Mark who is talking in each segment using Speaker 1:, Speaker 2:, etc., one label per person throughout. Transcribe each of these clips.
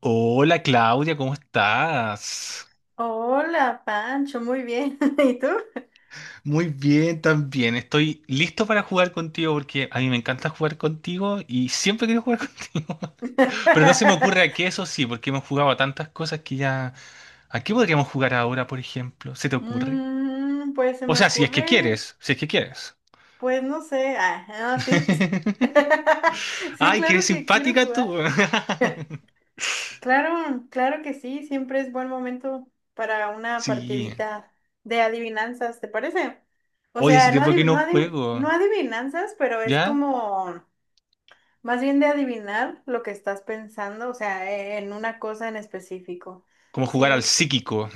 Speaker 1: Hola Claudia, ¿cómo estás?
Speaker 2: Hola, Pancho, muy bien. ¿Y tú?
Speaker 1: Muy bien, también. Estoy listo para jugar contigo porque a mí me encanta jugar contigo y siempre quiero jugar contigo. Pero no se me ocurre a qué, eso sí, porque hemos jugado a tantas cosas que ya... ¿A qué podríamos jugar ahora, por ejemplo? ¿Se te ocurre?
Speaker 2: Pues se
Speaker 1: O
Speaker 2: me
Speaker 1: sea, si es que
Speaker 2: ocurre,
Speaker 1: quieres, si es que quieres.
Speaker 2: pues no sé. No, sí, sí. Sí,
Speaker 1: Ay, que
Speaker 2: claro
Speaker 1: eres
Speaker 2: que quiero
Speaker 1: simpática tú.
Speaker 2: jugar. Claro, claro que sí, siempre es buen momento para una
Speaker 1: Sí.
Speaker 2: partidita de adivinanzas, ¿te parece? O
Speaker 1: Hoy hace
Speaker 2: sea, no,
Speaker 1: tiempo que no
Speaker 2: no
Speaker 1: juego,
Speaker 2: adivinanzas, pero es
Speaker 1: ¿ya?
Speaker 2: como más bien de adivinar lo que estás pensando, o sea, en una cosa en específico.
Speaker 1: Como jugar al
Speaker 2: Sí.
Speaker 1: psíquico.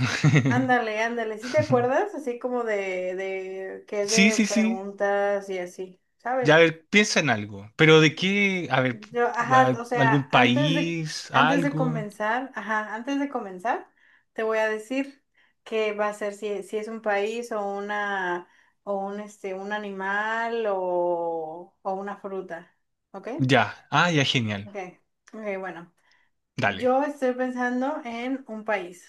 Speaker 2: Ándale, ándale, ¿sí te acuerdas? Así como de que es
Speaker 1: Sí,
Speaker 2: de
Speaker 1: sí, sí.
Speaker 2: preguntas y así,
Speaker 1: Ya, a
Speaker 2: ¿sabes?
Speaker 1: ver, piensa en algo. Pero de qué, a ver,
Speaker 2: Yo, ajá, o
Speaker 1: algún
Speaker 2: sea,
Speaker 1: país,
Speaker 2: antes de
Speaker 1: algo.
Speaker 2: comenzar, ajá, te voy a decir qué va a ser si es un país o una, o un, este, un animal o una fruta, ¿ok?
Speaker 1: Ya, ya, genial.
Speaker 2: Ok, ok, bueno,
Speaker 1: Dale.
Speaker 2: yo estoy pensando en un país.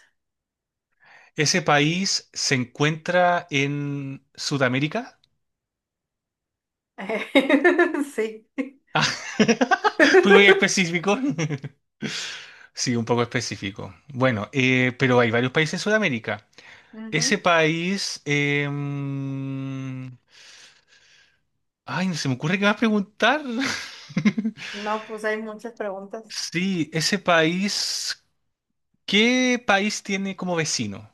Speaker 1: ¿Ese país se encuentra en Sudamérica?
Speaker 2: Sí.
Speaker 1: Ah. Fui muy específico. Sí, un poco específico. Bueno, pero hay varios países en Sudamérica. Ese
Speaker 2: Ujú.
Speaker 1: país... Ay, no se me ocurre qué más preguntar.
Speaker 2: No, pues hay muchas preguntas.
Speaker 1: Sí, ese país... ¿Qué país tiene como vecino?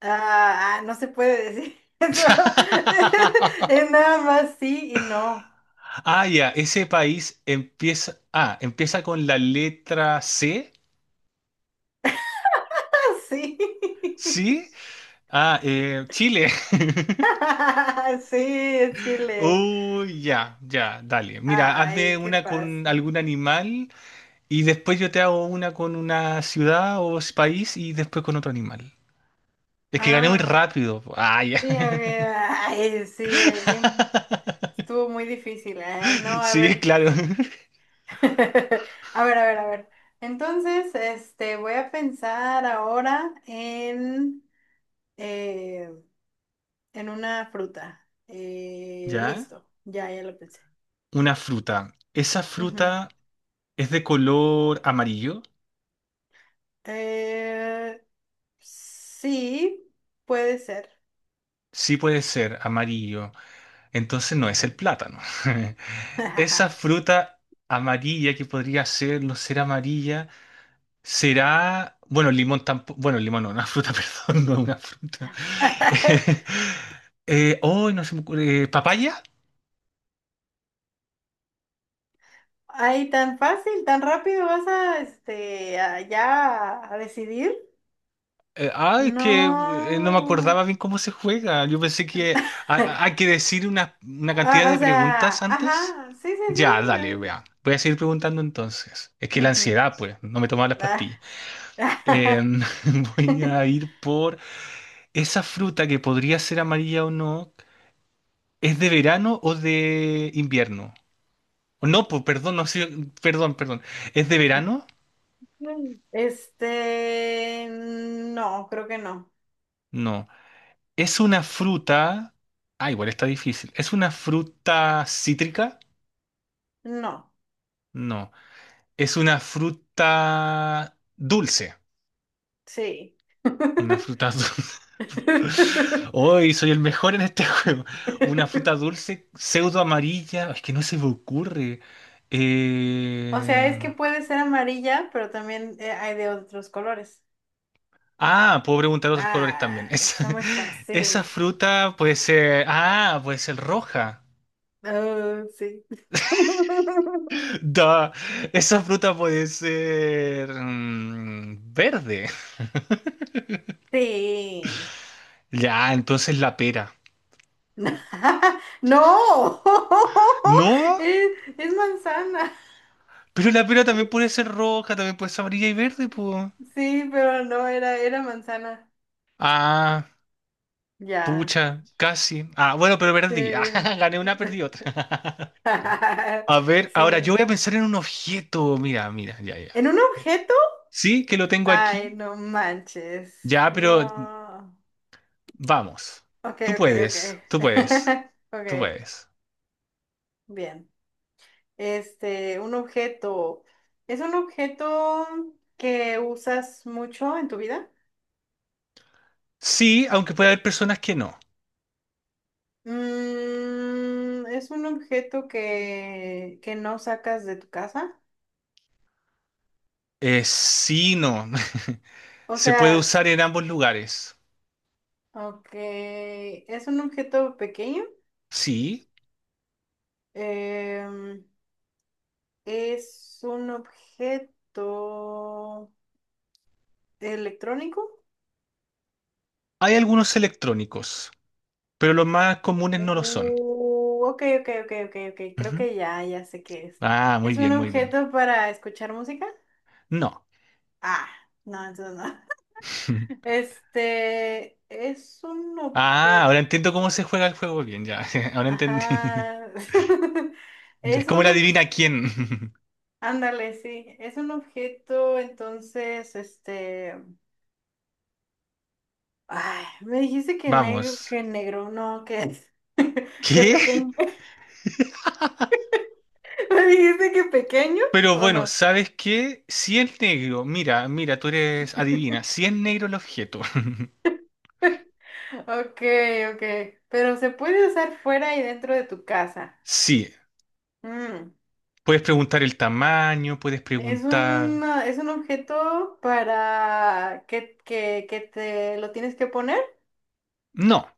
Speaker 2: No se puede decir eso. Es nada más sí y no.
Speaker 1: Ah, ya, ese país empieza con la letra C,
Speaker 2: Sí.
Speaker 1: ¿sí? Ah, Chile.
Speaker 2: Sí, es Chile.
Speaker 1: Uy, ya, ya, dale. Mira, hazme
Speaker 2: Ay, qué
Speaker 1: una con
Speaker 2: fácil.
Speaker 1: algún animal y después yo te hago una con una ciudad o país y después con otro animal. Es que gané muy
Speaker 2: Ah,
Speaker 1: rápido. Ah, ya.
Speaker 2: sí, a ver. Ay, sí, bien. Estuvo muy difícil. No, a
Speaker 1: Sí,
Speaker 2: ver.
Speaker 1: claro.
Speaker 2: A ver, a ver, a ver. Entonces, este, voy a pensar ahora eh, en una fruta.
Speaker 1: Ya,
Speaker 2: Listo, ya lo pensé.
Speaker 1: una fruta. ¿Esa fruta es de color amarillo?
Speaker 2: Eh, sí, puede ser.
Speaker 1: Sí puede ser amarillo. Entonces no es el plátano. Esa fruta amarilla que podría ser, no ser amarilla, será, bueno, el limón tampoco, bueno, el limón no, una fruta, perdón, no una fruta. Oh, no se me ocurre, ¿papaya?
Speaker 2: Ay, tan fácil, tan rápido vas a, este, ya a decidir.
Speaker 1: Es que no me
Speaker 2: No.
Speaker 1: acordaba bien cómo se juega. Yo pensé que hay que decir una cantidad de
Speaker 2: O sea,
Speaker 1: preguntas antes.
Speaker 2: ajá, sí, sí,
Speaker 1: Ya, dale, vea. Voy a seguir preguntando entonces. Es
Speaker 2: sí.
Speaker 1: que la
Speaker 2: Ujú.
Speaker 1: ansiedad, pues, no me tomaba las
Speaker 2: Ah,
Speaker 1: pastillas. Em, voy a ir por esa fruta que podría ser amarilla o no. ¿Es de verano o de invierno? No, perdón, no sé, perdón, perdón. ¿Es de verano?
Speaker 2: Este, no, creo que no.
Speaker 1: No. Es una fruta. Ah, igual está difícil. ¿Es una fruta cítrica?
Speaker 2: No,
Speaker 1: No. Es una fruta dulce.
Speaker 2: sí.
Speaker 1: Una fruta dulce. Hoy soy el mejor en este juego. Una fruta dulce, pseudo amarilla. Es que no se me ocurre.
Speaker 2: O sea, es
Speaker 1: Eh,
Speaker 2: que puede ser amarilla, pero también hay de otros colores.
Speaker 1: Ah, puedo preguntar otros colores también. Esa,
Speaker 2: Está muy
Speaker 1: esa
Speaker 2: fácil.
Speaker 1: fruta puede ser. Ah, puede ser roja.
Speaker 2: Sí.
Speaker 1: Da, esa fruta puede ser, verde.
Speaker 2: Sí.
Speaker 1: Ya, entonces la pera.
Speaker 2: No.
Speaker 1: No,
Speaker 2: Es, es manzana.
Speaker 1: pero la pera también puede ser roja, también puede ser amarilla y verde, pues.
Speaker 2: Sí, pero no, era manzana.
Speaker 1: Ah,
Speaker 2: Ya.
Speaker 1: pucha, casi. Ah, bueno, pero
Speaker 2: Sí.
Speaker 1: perdí. Ah, gané una, perdí otra. A ver, ahora yo voy
Speaker 2: Sí.
Speaker 1: a pensar en un objeto. Mira, mira, ya, ya.
Speaker 2: ¿En un objeto?
Speaker 1: Sí, que lo tengo
Speaker 2: Ay,
Speaker 1: aquí.
Speaker 2: no manches.
Speaker 1: Ya, pero...
Speaker 2: No.
Speaker 1: Vamos.
Speaker 2: Ok,
Speaker 1: Tú
Speaker 2: ok, ok.
Speaker 1: puedes, tú puedes, tú
Speaker 2: Ok,
Speaker 1: puedes.
Speaker 2: bien. Este, un objeto. ¿Es un objeto que usas mucho en tu vida?
Speaker 1: Sí, aunque puede haber personas que no.
Speaker 2: ¿Es un objeto que no sacas de tu casa?
Speaker 1: Sí, no.
Speaker 2: O
Speaker 1: Se puede
Speaker 2: sea,
Speaker 1: usar en ambos lugares.
Speaker 2: ok, ¿es un objeto pequeño?
Speaker 1: Sí,
Speaker 2: Em, ¿Es un objeto electrónico?
Speaker 1: hay algunos electrónicos, pero los más comunes no lo son.
Speaker 2: Ok, ok, ok, ok, ok, creo
Speaker 1: Ujú.
Speaker 2: que ya sé qué es.
Speaker 1: Ah, muy
Speaker 2: ¿Es un
Speaker 1: bien, muy bien.
Speaker 2: objeto para escuchar música?
Speaker 1: No.
Speaker 2: Ah, no, entonces no. Este es un
Speaker 1: Ah,
Speaker 2: objeto.
Speaker 1: ahora entiendo cómo se juega el juego bien, ya. Ahora entendí.
Speaker 2: Ajá.
Speaker 1: Es
Speaker 2: Es
Speaker 1: como
Speaker 2: un
Speaker 1: la
Speaker 2: objeto.
Speaker 1: adivina quién.
Speaker 2: Ándale, sí. Es un objeto, entonces, este. Ay, me dijiste
Speaker 1: Vamos.
Speaker 2: que negro, no, que es, que
Speaker 1: ¿Qué?
Speaker 2: pequeño. ¿Me dijiste que pequeño
Speaker 1: Pero
Speaker 2: o
Speaker 1: bueno,
Speaker 2: no?
Speaker 1: ¿sabes qué? Si es negro, mira, mira, tú eres adivina, si es negro el objeto,
Speaker 2: Ok, ok. Pero se puede usar fuera y dentro de tu casa.
Speaker 1: sí,
Speaker 2: Mm.
Speaker 1: puedes preguntar el tamaño, puedes
Speaker 2: Es un,
Speaker 1: preguntar...
Speaker 2: es un objeto para que te lo tienes que poner.
Speaker 1: No,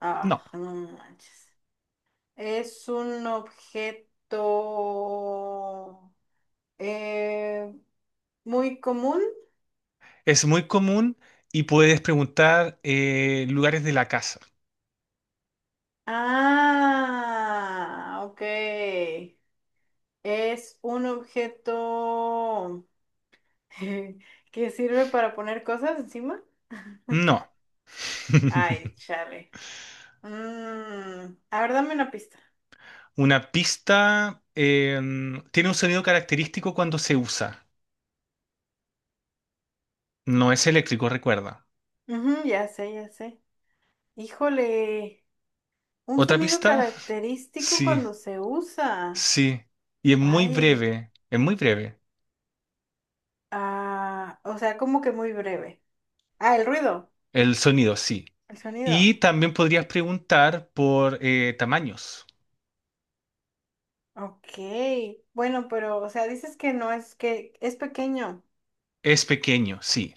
Speaker 1: no,
Speaker 2: No manches. Es un objeto eh, muy común.
Speaker 1: es muy común y puedes preguntar lugares de la casa.
Speaker 2: Ok. Es un objeto que sirve para poner cosas encima.
Speaker 1: No.
Speaker 2: Ay, chale. A ver, dame una pista.
Speaker 1: Una pista, tiene un sonido característico cuando se usa, no es eléctrico, recuerda.
Speaker 2: Ujú, ya sé, ya sé. Híjole, un
Speaker 1: ¿Otra
Speaker 2: sonido
Speaker 1: pista?
Speaker 2: característico
Speaker 1: Sí,
Speaker 2: cuando se usa.
Speaker 1: sí, y es muy
Speaker 2: Ay,
Speaker 1: breve, es muy breve.
Speaker 2: o sea, como que muy breve. El ruido,
Speaker 1: El sonido, sí.
Speaker 2: el
Speaker 1: Y
Speaker 2: sonido.
Speaker 1: también podrías preguntar por tamaños.
Speaker 2: Ok, bueno, pero, o sea, dices que no es que es pequeño.
Speaker 1: Es pequeño, sí.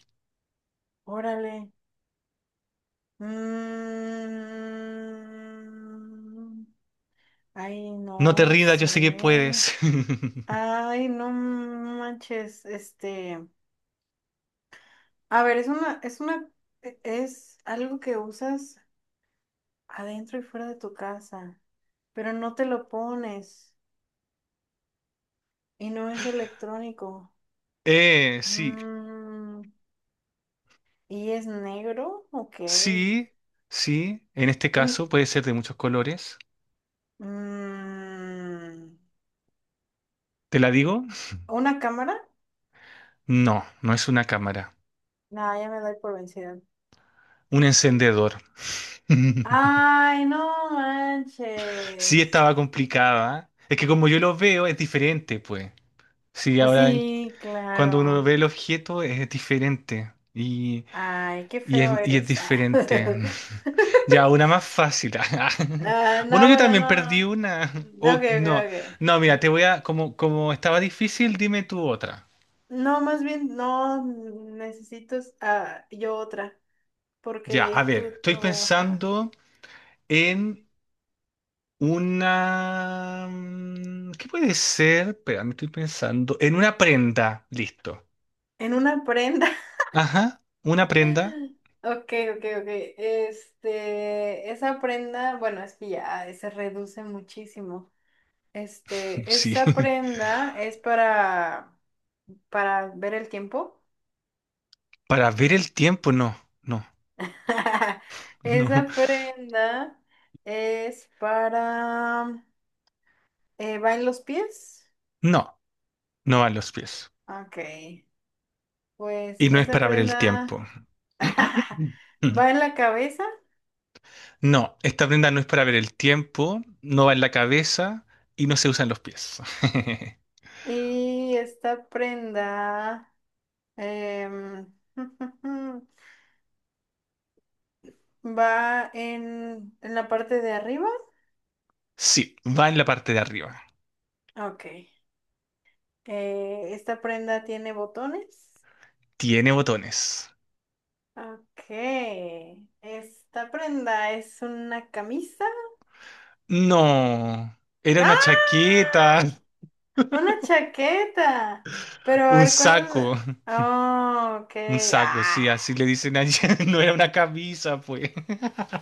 Speaker 2: Órale. Mm, Ay,
Speaker 1: No
Speaker 2: no,
Speaker 1: te
Speaker 2: no
Speaker 1: rindas, yo sé que
Speaker 2: sé.
Speaker 1: puedes.
Speaker 2: Ay, no manches, este. A ver, es algo que usas. Adentro y fuera de tu casa, pero no te lo pones y no es electrónico.
Speaker 1: Sí,
Speaker 2: Mm, ¿Y es negro? Ok.
Speaker 1: sí, sí. En este
Speaker 2: En-
Speaker 1: caso puede ser de muchos colores.
Speaker 2: mm,
Speaker 1: ¿Te la digo?
Speaker 2: ¿Una cámara?
Speaker 1: No, no es una cámara.
Speaker 2: No, ya me doy por vencida.
Speaker 1: Un encendedor.
Speaker 2: Ay, no
Speaker 1: Sí,
Speaker 2: manches.
Speaker 1: estaba complicada. Es que como yo lo veo, es diferente, pues. Sí,
Speaker 2: Pues
Speaker 1: ahora
Speaker 2: sí,
Speaker 1: cuando uno
Speaker 2: claro.
Speaker 1: ve el objeto es diferente. Y
Speaker 2: Ay, qué
Speaker 1: Y es,
Speaker 2: feo
Speaker 1: y es
Speaker 2: eres.
Speaker 1: diferente. Ya, una más fácil. Bueno,
Speaker 2: No,
Speaker 1: yo
Speaker 2: bueno,
Speaker 1: también
Speaker 2: no.
Speaker 1: perdí una.
Speaker 2: Ok,
Speaker 1: O,
Speaker 2: ok,
Speaker 1: no,
Speaker 2: ok.
Speaker 1: no, mira, te voy a... Como estaba difícil, dime tú otra.
Speaker 2: No, más bien, no, necesito yo otra,
Speaker 1: Ya, a
Speaker 2: porque
Speaker 1: ver,
Speaker 2: tú,
Speaker 1: estoy
Speaker 2: tú, ajá,
Speaker 1: pensando en una, ¿qué puede ser? Espera, me estoy pensando. En una prenda. Listo.
Speaker 2: en una prenda.
Speaker 1: Ajá, una prenda.
Speaker 2: Ok, ok, ok. Este, esa prenda, bueno, es que ya se reduce muchísimo. Este,
Speaker 1: Sí.
Speaker 2: esa prenda es para ver el tiempo.
Speaker 1: Para ver el tiempo, no, no, no.
Speaker 2: Esa prenda es ¿va en los pies?
Speaker 1: No, no van los pies.
Speaker 2: Ok, pues
Speaker 1: Y no es
Speaker 2: esa
Speaker 1: para ver el
Speaker 2: prenda...
Speaker 1: tiempo.
Speaker 2: Va en la cabeza
Speaker 1: No, esta prenda no es para ver el tiempo, no va en la cabeza y no se usa en los pies.
Speaker 2: y esta prenda em, va en la parte de arriba.
Speaker 1: Sí, va en la parte de arriba.
Speaker 2: Ok. Esta prenda tiene botones.
Speaker 1: Tiene botones.
Speaker 2: Ok. Esta prenda es una camisa.
Speaker 1: No, era una
Speaker 2: ¡Ah!
Speaker 1: chaqueta,
Speaker 2: Una chaqueta. Pero a
Speaker 1: un
Speaker 2: ver, ¿cuál es?
Speaker 1: saco,
Speaker 2: Oh, ok.
Speaker 1: un saco, sí,
Speaker 2: Ah,
Speaker 1: así le dicen allá. No era una camisa, pues.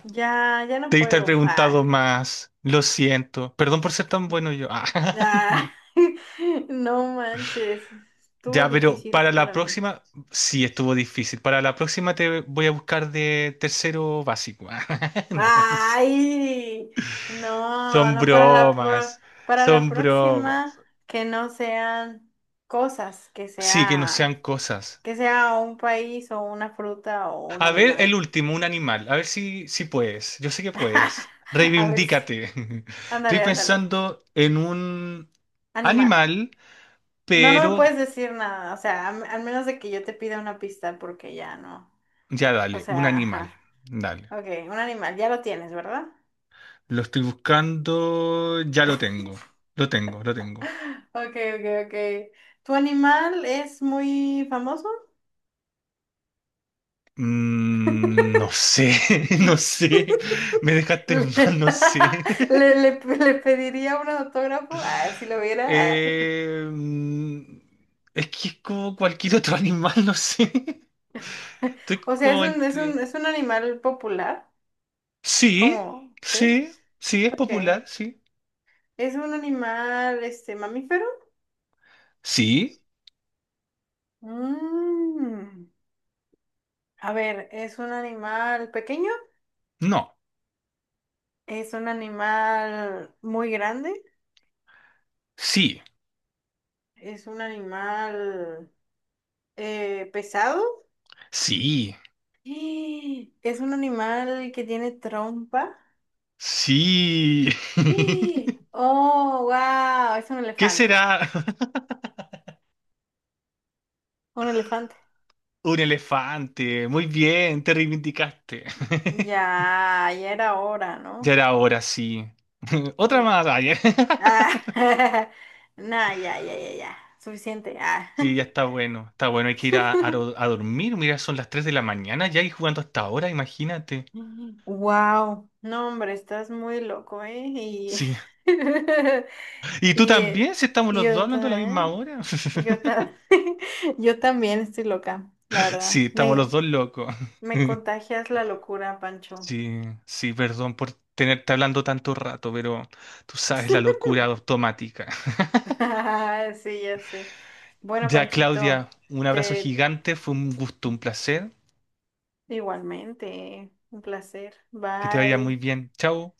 Speaker 2: ya, ya no
Speaker 1: Debí estar
Speaker 2: juego. Ah.
Speaker 1: preguntado más. Lo siento. Perdón por ser tan bueno yo. Ah.
Speaker 2: Ah, no manches, estuvo
Speaker 1: Ya, pero
Speaker 2: difícil
Speaker 1: para la
Speaker 2: para mí.
Speaker 1: próxima, sí estuvo difícil. Para la próxima te voy a buscar de tercero básico. No,
Speaker 2: Ay, no,
Speaker 1: son
Speaker 2: no para la
Speaker 1: bromas,
Speaker 2: para la
Speaker 1: son
Speaker 2: próxima
Speaker 1: bromas.
Speaker 2: que no sean cosas, que
Speaker 1: Sí, que no sean
Speaker 2: sea
Speaker 1: cosas.
Speaker 2: un país o una fruta o un
Speaker 1: A ver, el
Speaker 2: animal.
Speaker 1: último, un animal. A ver si puedes. Yo sé que puedes.
Speaker 2: A ver si.
Speaker 1: Reivindícate. Estoy
Speaker 2: Ándale, ándale.
Speaker 1: pensando en un
Speaker 2: Animal.
Speaker 1: animal,
Speaker 2: No, no me puedes
Speaker 1: pero
Speaker 2: decir nada, o sea, al menos de que yo te pida una pista porque ya no.
Speaker 1: ya
Speaker 2: O
Speaker 1: dale, un
Speaker 2: sea,
Speaker 1: animal.
Speaker 2: ajá.
Speaker 1: Dale.
Speaker 2: Ok, un animal, ya lo tienes, ¿verdad?
Speaker 1: Lo estoy buscando, ya lo tengo. Lo tengo, lo tengo.
Speaker 2: Ok, ok, ok. ¿Tu animal es muy famoso?
Speaker 1: No sé, no sé. Me dejaste en mal,
Speaker 2: ¿Le,
Speaker 1: no sé.
Speaker 2: le- le- le pediría un autógrafo? Si lo viera. Ah.
Speaker 1: Eh, mm, es que es como cualquier otro animal, no sé. Estoy
Speaker 2: O sea, es
Speaker 1: como
Speaker 2: un, es un,
Speaker 1: entre...
Speaker 2: es un animal popular.
Speaker 1: Sí,
Speaker 2: ¿Cómo? ¿Sí?
Speaker 1: sí, sí, es
Speaker 2: Ok.
Speaker 1: popular, sí.
Speaker 2: ¿Es un animal, este, mamífero?
Speaker 1: Sí,
Speaker 2: Mm. A ver, ¿es un animal pequeño?
Speaker 1: no,
Speaker 2: ¿Es un animal muy grande?
Speaker 1: sí,
Speaker 2: ¿Es un animal pesado?
Speaker 1: sí,
Speaker 2: ¡Eh! Es un animal que tiene trompa.
Speaker 1: sí.
Speaker 2: ¡Eh! Oh, wow, es un
Speaker 1: ¿Qué
Speaker 2: elefante.
Speaker 1: será?
Speaker 2: Un elefante.
Speaker 1: Un elefante. Muy bien, te reivindicaste.
Speaker 2: Ya, ya era hora,
Speaker 1: Ya
Speaker 2: ¿no?
Speaker 1: era hora, sí. Otra
Speaker 2: Uh.
Speaker 1: más. Ay.
Speaker 2: Ah, nah, ya, ya, ya, ya. Suficiente. Ah.
Speaker 1: Sí, ya está bueno, hay que ir a dormir, mira, son las 3 de la mañana ya y jugando hasta ahora, imagínate.
Speaker 2: Wow. No, hombre, estás muy loco, ¿eh?
Speaker 1: Sí, y tú
Speaker 2: Y
Speaker 1: también, si estamos los dos
Speaker 2: yo
Speaker 1: hablando a la misma
Speaker 2: también.
Speaker 1: hora.
Speaker 2: Yo, ta- yo también estoy loca, la verdad.
Speaker 1: Sí, estamos los
Speaker 2: Me,
Speaker 1: dos locos.
Speaker 2: Me contagias la locura, Pancho.
Speaker 1: Sí, sí, perdón por tenerte hablando tanto rato, pero tú sabes la locura automática.
Speaker 2: Sí, ya sé. Bueno,
Speaker 1: Ya,
Speaker 2: Panchito,
Speaker 1: Claudia, un abrazo
Speaker 2: te
Speaker 1: gigante, fue un gusto, un placer,
Speaker 2: igualmente, un placer.
Speaker 1: que te vaya muy
Speaker 2: Bye.
Speaker 1: bien. Chao.